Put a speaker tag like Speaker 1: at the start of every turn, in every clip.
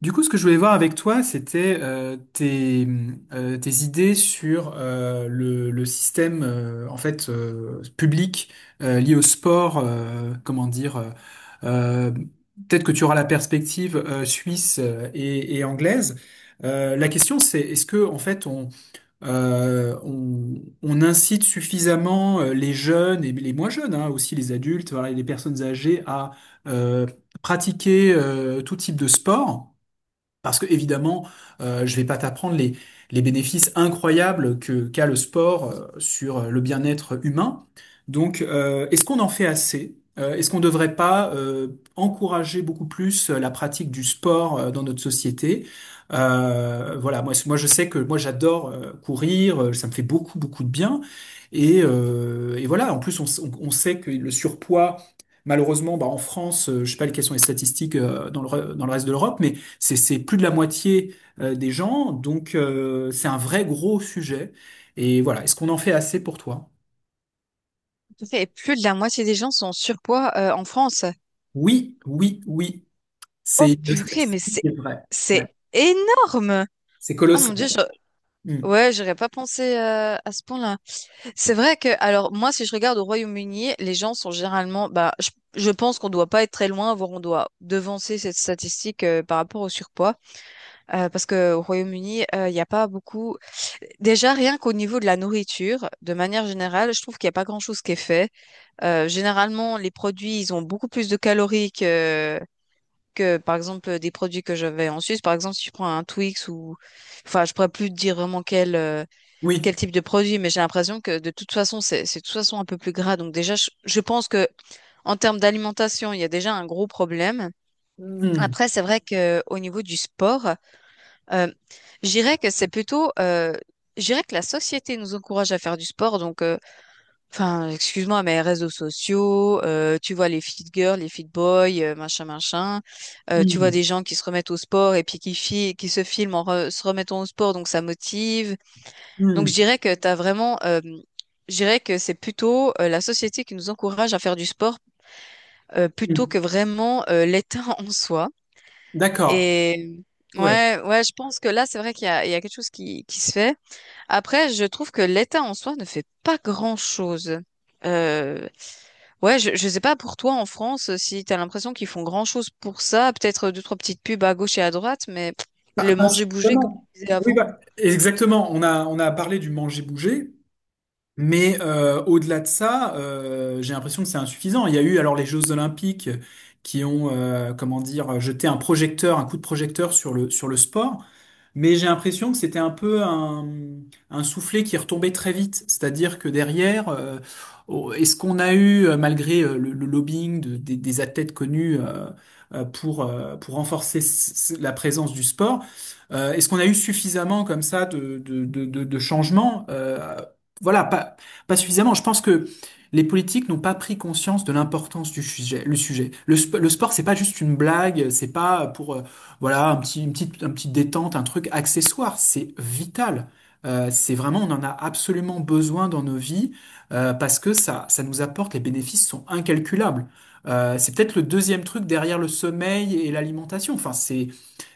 Speaker 1: Du coup, ce que je voulais voir avec toi, c'était tes idées sur le système en fait public lié au sport. Comment dire, euh, peut-être que tu auras la perspective suisse et anglaise. La question, c'est est-ce que en fait on incite suffisamment les jeunes et les moins jeunes, hein, aussi les adultes, voilà, et les personnes âgées à euh, pratiquer tout type de sport? Parce que évidemment, je vais pas t'apprendre les bénéfices incroyables que qu'a le sport sur le bien-être humain. Donc, est-ce qu'on en fait assez? Est-ce qu'on ne devrait pas encourager beaucoup plus la pratique du sport dans notre société? Voilà, moi je sais que moi j'adore courir, ça me fait beaucoup beaucoup de bien. Et voilà, en plus on sait que le surpoids, malheureusement, bah, en France, je sais pas quelles sont les statistiques dans dans le reste de l'Europe, mais c'est plus de la moitié des gens, donc c'est un vrai gros sujet. Et voilà, est-ce qu'on en fait assez pour toi?
Speaker 2: Tout à fait. Et plus de la moitié des gens sont en surpoids en France.
Speaker 1: Oui, oui, oui.
Speaker 2: Oh
Speaker 1: C'est une
Speaker 2: purée, mais
Speaker 1: statistique
Speaker 2: c'est
Speaker 1: qui est vraie. Ouais.
Speaker 2: c'est énorme.
Speaker 1: C'est
Speaker 2: Ah mon
Speaker 1: colossal.
Speaker 2: Dieu,
Speaker 1: Hmm.
Speaker 2: ouais, j'aurais pas pensé à ce point-là. C'est vrai que, alors moi, si je regarde au Royaume-Uni, les gens sont généralement, bah, je pense qu'on doit pas être très loin, voire on doit devancer cette statistique par rapport au surpoids, parce que au Royaume-Uni, il n'y a pas beaucoup. Déjà, rien qu'au niveau de la nourriture, de manière générale, je trouve qu'il n'y a pas grand-chose qui est fait. Généralement, les produits, ils ont beaucoup plus de calories que, par exemple, des produits que j'avais en Suisse. Par exemple, si tu prends un Twix ou, enfin, je pourrais plus te dire vraiment
Speaker 1: Oui.
Speaker 2: quel type de produit, mais j'ai l'impression que de toute façon, c'est de toute façon un peu plus gras. Donc déjà, je pense que en termes d'alimentation, il y a déjà un gros problème.
Speaker 1: Hmm.
Speaker 2: Après, c'est vrai que au niveau du sport, euh, je dirais que c'est je dirais que la société nous encourage à faire du sport, enfin, excuse-moi, mais réseaux sociaux, tu vois les fit girls, les fit boys, machin, machin. Tu vois
Speaker 1: Hmm.
Speaker 2: des gens qui se remettent au sport et puis qui se filment en se remettant au sport, donc ça motive. Donc
Speaker 1: Hmm.
Speaker 2: je dirais que t'as vraiment, je dirais que c'est plutôt la société qui nous encourage à faire du sport plutôt
Speaker 1: Hmm.
Speaker 2: que vraiment l'État en soi.
Speaker 1: D'accord.
Speaker 2: Et
Speaker 1: Ouais.
Speaker 2: ouais, ouais, je pense que là, c'est vrai qu'il y a, il y a quelque chose qui se fait. Après, je trouve que l'État en soi ne fait pas grand-chose. Euh, ouais, je sais pas pour toi en France si t'as l'impression qu'ils font grand-chose pour ça, peut-être deux, trois petites pubs à gauche et à droite, mais pff,
Speaker 1: Pas,
Speaker 2: le
Speaker 1: pas
Speaker 2: manger-bouger comme
Speaker 1: suffisamment.
Speaker 2: tu disais
Speaker 1: Oui,
Speaker 2: avant.
Speaker 1: bah, exactement. On a parlé du manger-bouger. Mais au-delà de ça, j'ai l'impression que c'est insuffisant. Il y a eu alors les Jeux Olympiques qui ont, comment dire, jeté un projecteur, un coup de projecteur sur le sport. Mais j'ai l'impression que c'était un peu un soufflet qui retombait très vite. C'est-à-dire que derrière, oh, est-ce qu'on a eu, malgré le lobbying des athlètes connus pour renforcer la présence du sport, est-ce qu'on a eu suffisamment comme ça de changements? Voilà, pas, pas suffisamment. Je pense que les politiques n'ont pas pris conscience de l'importance du sujet, le sujet. Le sport, c'est pas juste une blague, c'est pas pour, voilà, un petit détente, un truc accessoire. C'est vital. C'est vraiment, on en a absolument besoin dans nos vies parce que ça nous apporte, les bénéfices sont incalculables. C'est peut-être le deuxième truc derrière le sommeil et l'alimentation. Enfin, c'est,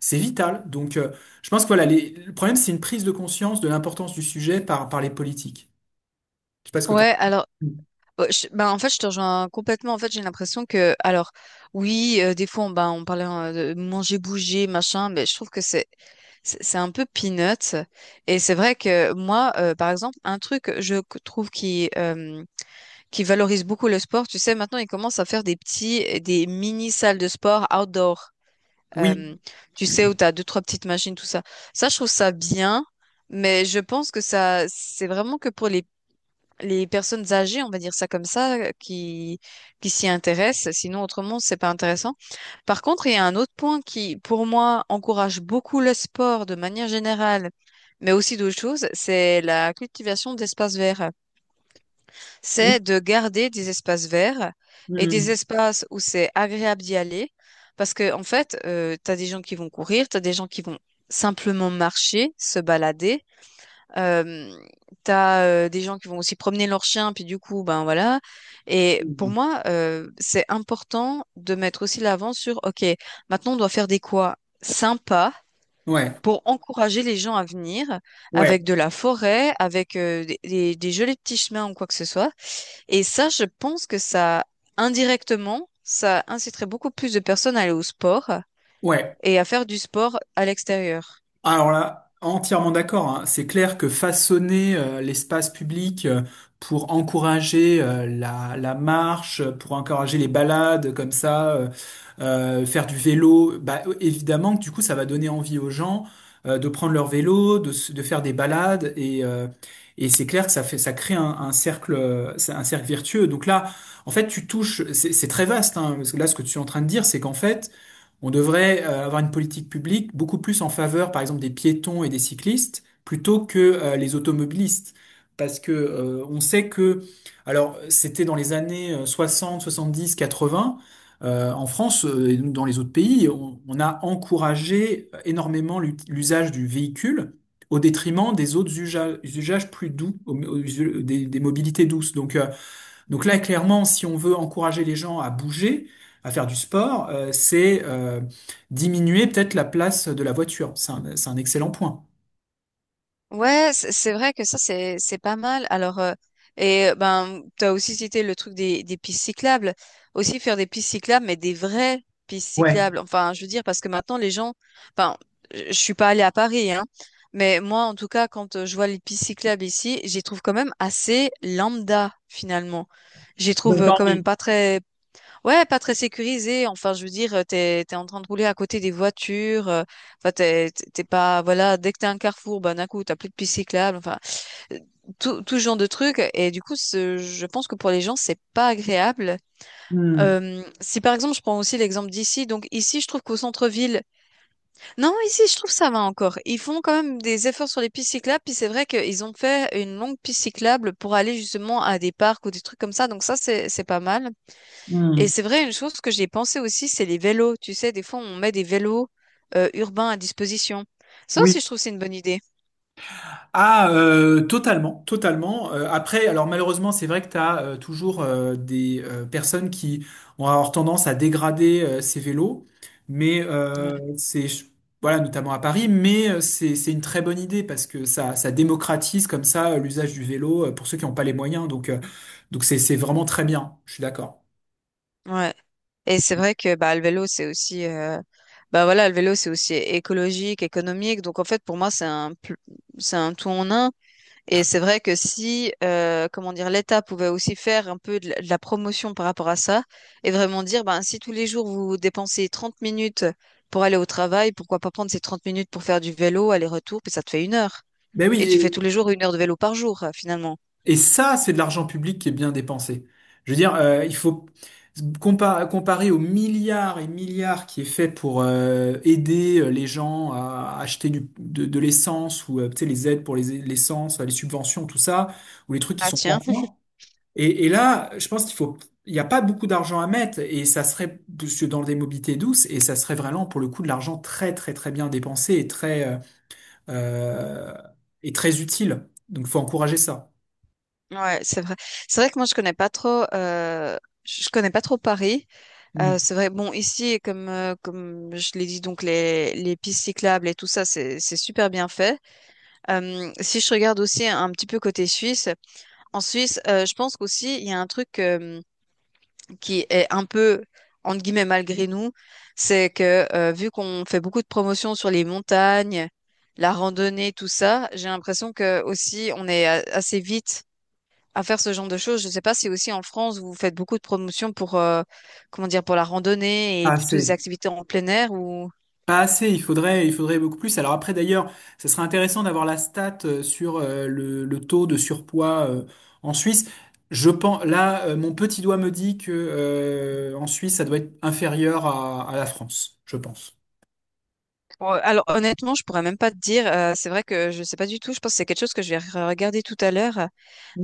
Speaker 1: c'est vital. Donc, je pense que voilà, le problème, c'est une prise de conscience de l'importance du sujet par les politiques. Je sais pas ce que t'en...
Speaker 2: Ouais, alors, ben, en fait, je te rejoins complètement. En fait, j'ai l'impression que, alors, oui, des fois, on, ben, on parlait de manger, bouger, machin, mais je trouve que c'est un peu peanuts. Et c'est vrai que moi, par exemple, un truc, trouve qui valorisent beaucoup le sport. Tu sais, maintenant, ils commencent à faire des petits, des mini salles de sport outdoor.
Speaker 1: Oui.
Speaker 2: Euh, Tu sais, où tu as deux, trois petites machines, tout ça. Ça, je trouve ça bien, mais je pense que ça, c'est vraiment que pour les personnes âgées, on va dire ça comme ça, qui s'y intéressent. Sinon, autrement, c'est pas intéressant. Par contre, il y a un autre point qui, pour moi, encourage beaucoup le sport de manière générale, mais aussi d'autres choses, c'est la cultivation d'espaces verts,
Speaker 1: Oui.
Speaker 2: c'est de garder des espaces verts et des
Speaker 1: Mm.
Speaker 2: espaces où c'est agréable d'y aller. Parce que, en fait, tu as des gens qui vont courir, tu as des gens qui vont simplement marcher, se balader. Euh, Tu as des gens qui vont aussi promener leurs chiens, puis du coup, ben voilà. Et pour moi, c'est important de mettre aussi l'avant sur, OK, maintenant on doit faire des quoi sympas
Speaker 1: Ouais.
Speaker 2: pour encourager les gens à venir
Speaker 1: Ouais.
Speaker 2: avec de la forêt, avec des jolis petits chemins ou quoi que ce soit. Et ça, je pense que ça, indirectement, ça inciterait beaucoup plus de personnes à aller au sport
Speaker 1: Ouais.
Speaker 2: et à faire du sport à l'extérieur.
Speaker 1: Alors là, entièrement d'accord, hein. C'est clair que façonner l'espace public pour encourager la marche, pour encourager les balades comme ça, faire du vélo, bah évidemment que du coup ça va donner envie aux gens de prendre leur vélo, de faire des balades et c'est clair que ça fait ça crée un cercle c'est un cercle vertueux. Donc là, en fait, tu touches, c'est très vaste, hein, parce que là ce que tu es en train de dire, c'est qu'en fait on devrait avoir une politique publique beaucoup plus en faveur, par exemple, des piétons et des cyclistes, plutôt que les automobilistes. Parce que on sait que, alors c'était dans les années 60, 70, 80, en France et dans les autres pays, on a encouragé énormément l'usage du véhicule au détriment des autres usages, plus doux, des mobilités douces. Donc, donc là, clairement, si on veut encourager les gens à bouger, à faire du sport, c'est diminuer peut-être la place de la voiture. C'est un excellent point.
Speaker 2: Ouais, c'est vrai que ça, c'est pas mal. Alors, et ben, t'as aussi cité le truc des pistes cyclables. Aussi faire des pistes cyclables, mais des vraies pistes
Speaker 1: Ouais,
Speaker 2: cyclables. Enfin, je veux dire, parce que maintenant, enfin, je suis pas allée à Paris, hein. Mais moi, en tout cas, quand je vois les pistes cyclables ici, j'y trouve quand même assez lambda, finalement. J'y
Speaker 1: ça
Speaker 2: trouve
Speaker 1: donne pas
Speaker 2: quand
Speaker 1: envie.
Speaker 2: même pas très, ouais, pas très sécurisé. Enfin, je veux dire, t'es en train de rouler à côté des voitures. Enfin, t'es pas, voilà, dès que t'es un carrefour, ben, d'un coup, t'as plus de piste cyclable. Enfin, euh, tout ce genre de trucs. Et du coup, je pense que pour les gens, c'est pas agréable.
Speaker 1: Hmm,
Speaker 2: Si par exemple, je prends aussi l'exemple d'ici. Donc, ici, je trouve qu'au centre-ville, non, ici, je trouve ça va encore. Ils font quand même des efforts sur les pistes cyclables. Puis c'est vrai qu'ils ont fait une longue piste cyclable pour aller justement à des parcs ou des trucs comme ça. Donc ça, c'est pas mal. Et
Speaker 1: hmm.
Speaker 2: c'est vrai, une chose que j'ai pensé aussi, c'est les vélos. Tu sais, des fois, on met des vélos urbains à disposition. Ça
Speaker 1: Oui.
Speaker 2: aussi, je trouve que c'est une bonne idée.
Speaker 1: Ah, totalement, totalement. Après, alors malheureusement, c'est vrai que tu as toujours des personnes qui ont avoir tendance à dégrader ces vélos, mais
Speaker 2: Ouais.
Speaker 1: c'est voilà, notamment à Paris, mais c'est une très bonne idée parce que ça démocratise comme ça l'usage du vélo pour ceux qui n'ont pas les moyens. Donc donc c'est vraiment très bien. Je suis d'accord.
Speaker 2: Ouais. Et c'est vrai que bah, le vélo, c'est bah, voilà, le vélo, c'est aussi écologique, économique. Donc, en fait, pour moi, c'est un tout en un. Et c'est vrai que si, comment dire, l'État pouvait aussi faire un peu de de la promotion par rapport à ça et vraiment dire, ben, si tous les jours vous dépensez 30 minutes pour aller au travail, pourquoi pas prendre ces 30 minutes pour faire du vélo, aller-retour, puis ça te fait une heure.
Speaker 1: Ben
Speaker 2: Et tu fais tous
Speaker 1: oui.
Speaker 2: les jours une heure de vélo par jour, finalement.
Speaker 1: Et ça, c'est de l'argent public qui est bien dépensé. Je veux dire, il faut comparer aux milliards et milliards qui est fait pour aider les gens à acheter de l'essence ou tu sais, les aides pour les l'essence, les subventions, tout ça, ou les trucs qui
Speaker 2: Ah
Speaker 1: sont pas
Speaker 2: tiens,
Speaker 1: fins. Et là, je pense qu'il faut, il n'y a pas beaucoup d'argent à mettre et ça serait parce que dans des mobilités douces et ça serait vraiment pour le coup de l'argent très très très bien dépensé euh, et très utile. Donc, faut encourager ça.
Speaker 2: ouais, c'est vrai. C'est vrai que moi je connais pas trop, je connais pas trop Paris.
Speaker 1: Hmm.
Speaker 2: C'est vrai. Bon, ici, comme comme je l'ai dit, donc les pistes cyclables et tout ça, c'est super bien fait. Si je regarde aussi un petit peu côté Suisse, en Suisse, je pense qu'aussi, il y a un truc qui est un peu, entre guillemets, malgré nous, c'est que vu qu'on fait beaucoup de promotions sur les montagnes, la randonnée, tout ça, j'ai l'impression que aussi, on est assez vite à faire ce genre de choses. Je ne sais pas si aussi en France, vous faites beaucoup de promotions pour, comment dire, pour la randonnée et plutôt des
Speaker 1: Assez.
Speaker 2: activités en plein air ou...
Speaker 1: Pas assez, il faudrait beaucoup plus. Alors après, d'ailleurs, ça serait intéressant d'avoir la stat sur le taux de surpoids en Suisse. Je pense, là, mon petit doigt me dit que en Suisse, ça doit être inférieur à la France, je pense.
Speaker 2: Bon, alors honnêtement, je pourrais même pas te dire. C'est vrai que je sais pas du tout. Je pense que c'est quelque chose que je vais regarder tout à l'heure.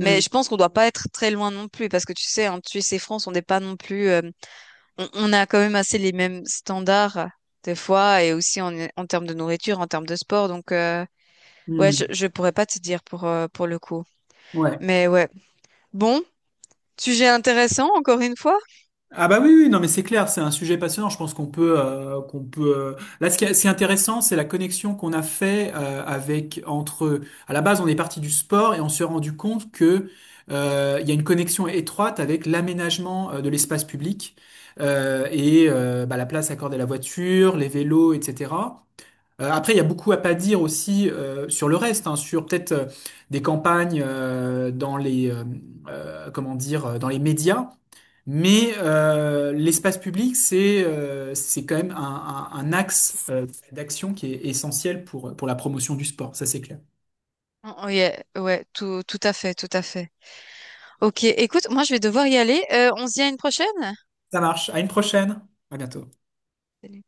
Speaker 2: Mais je pense qu'on doit pas être très loin non plus parce que tu sais, en Suisse et France, on n'est pas non plus. On a quand même assez les mêmes standards des fois et aussi en termes de nourriture, en termes de sport. Donc ouais,
Speaker 1: hmm,
Speaker 2: je pourrais pas te dire pour le coup.
Speaker 1: ouais.
Speaker 2: Mais ouais. Bon, sujet intéressant encore une fois.
Speaker 1: Ah bah oui, oui, non mais c'est clair, c'est un sujet passionnant. Je pense qu'on peut, qu'on peut. Là, ce qui est intéressant, c'est la connexion qu'on a fait avec entre. À la base, on est parti du sport et on s'est rendu compte que il y a une connexion étroite avec l'aménagement de l'espace public bah, la place accordée à la voiture, les vélos, etc. Après, il y a beaucoup à pas dire aussi sur le reste, hein, sur peut-être des campagnes dans les comment dire dans les médias mais l'espace public, c'est quand même un axe d'action qui est essentiel pour la promotion du sport, ça c'est clair.
Speaker 2: Oh, oh, yeah, ouais, tout à fait, tout à fait. OK, écoute, moi je vais devoir y aller. On se dit à une prochaine?
Speaker 1: Ça marche, à une prochaine, à bientôt.
Speaker 2: Salut.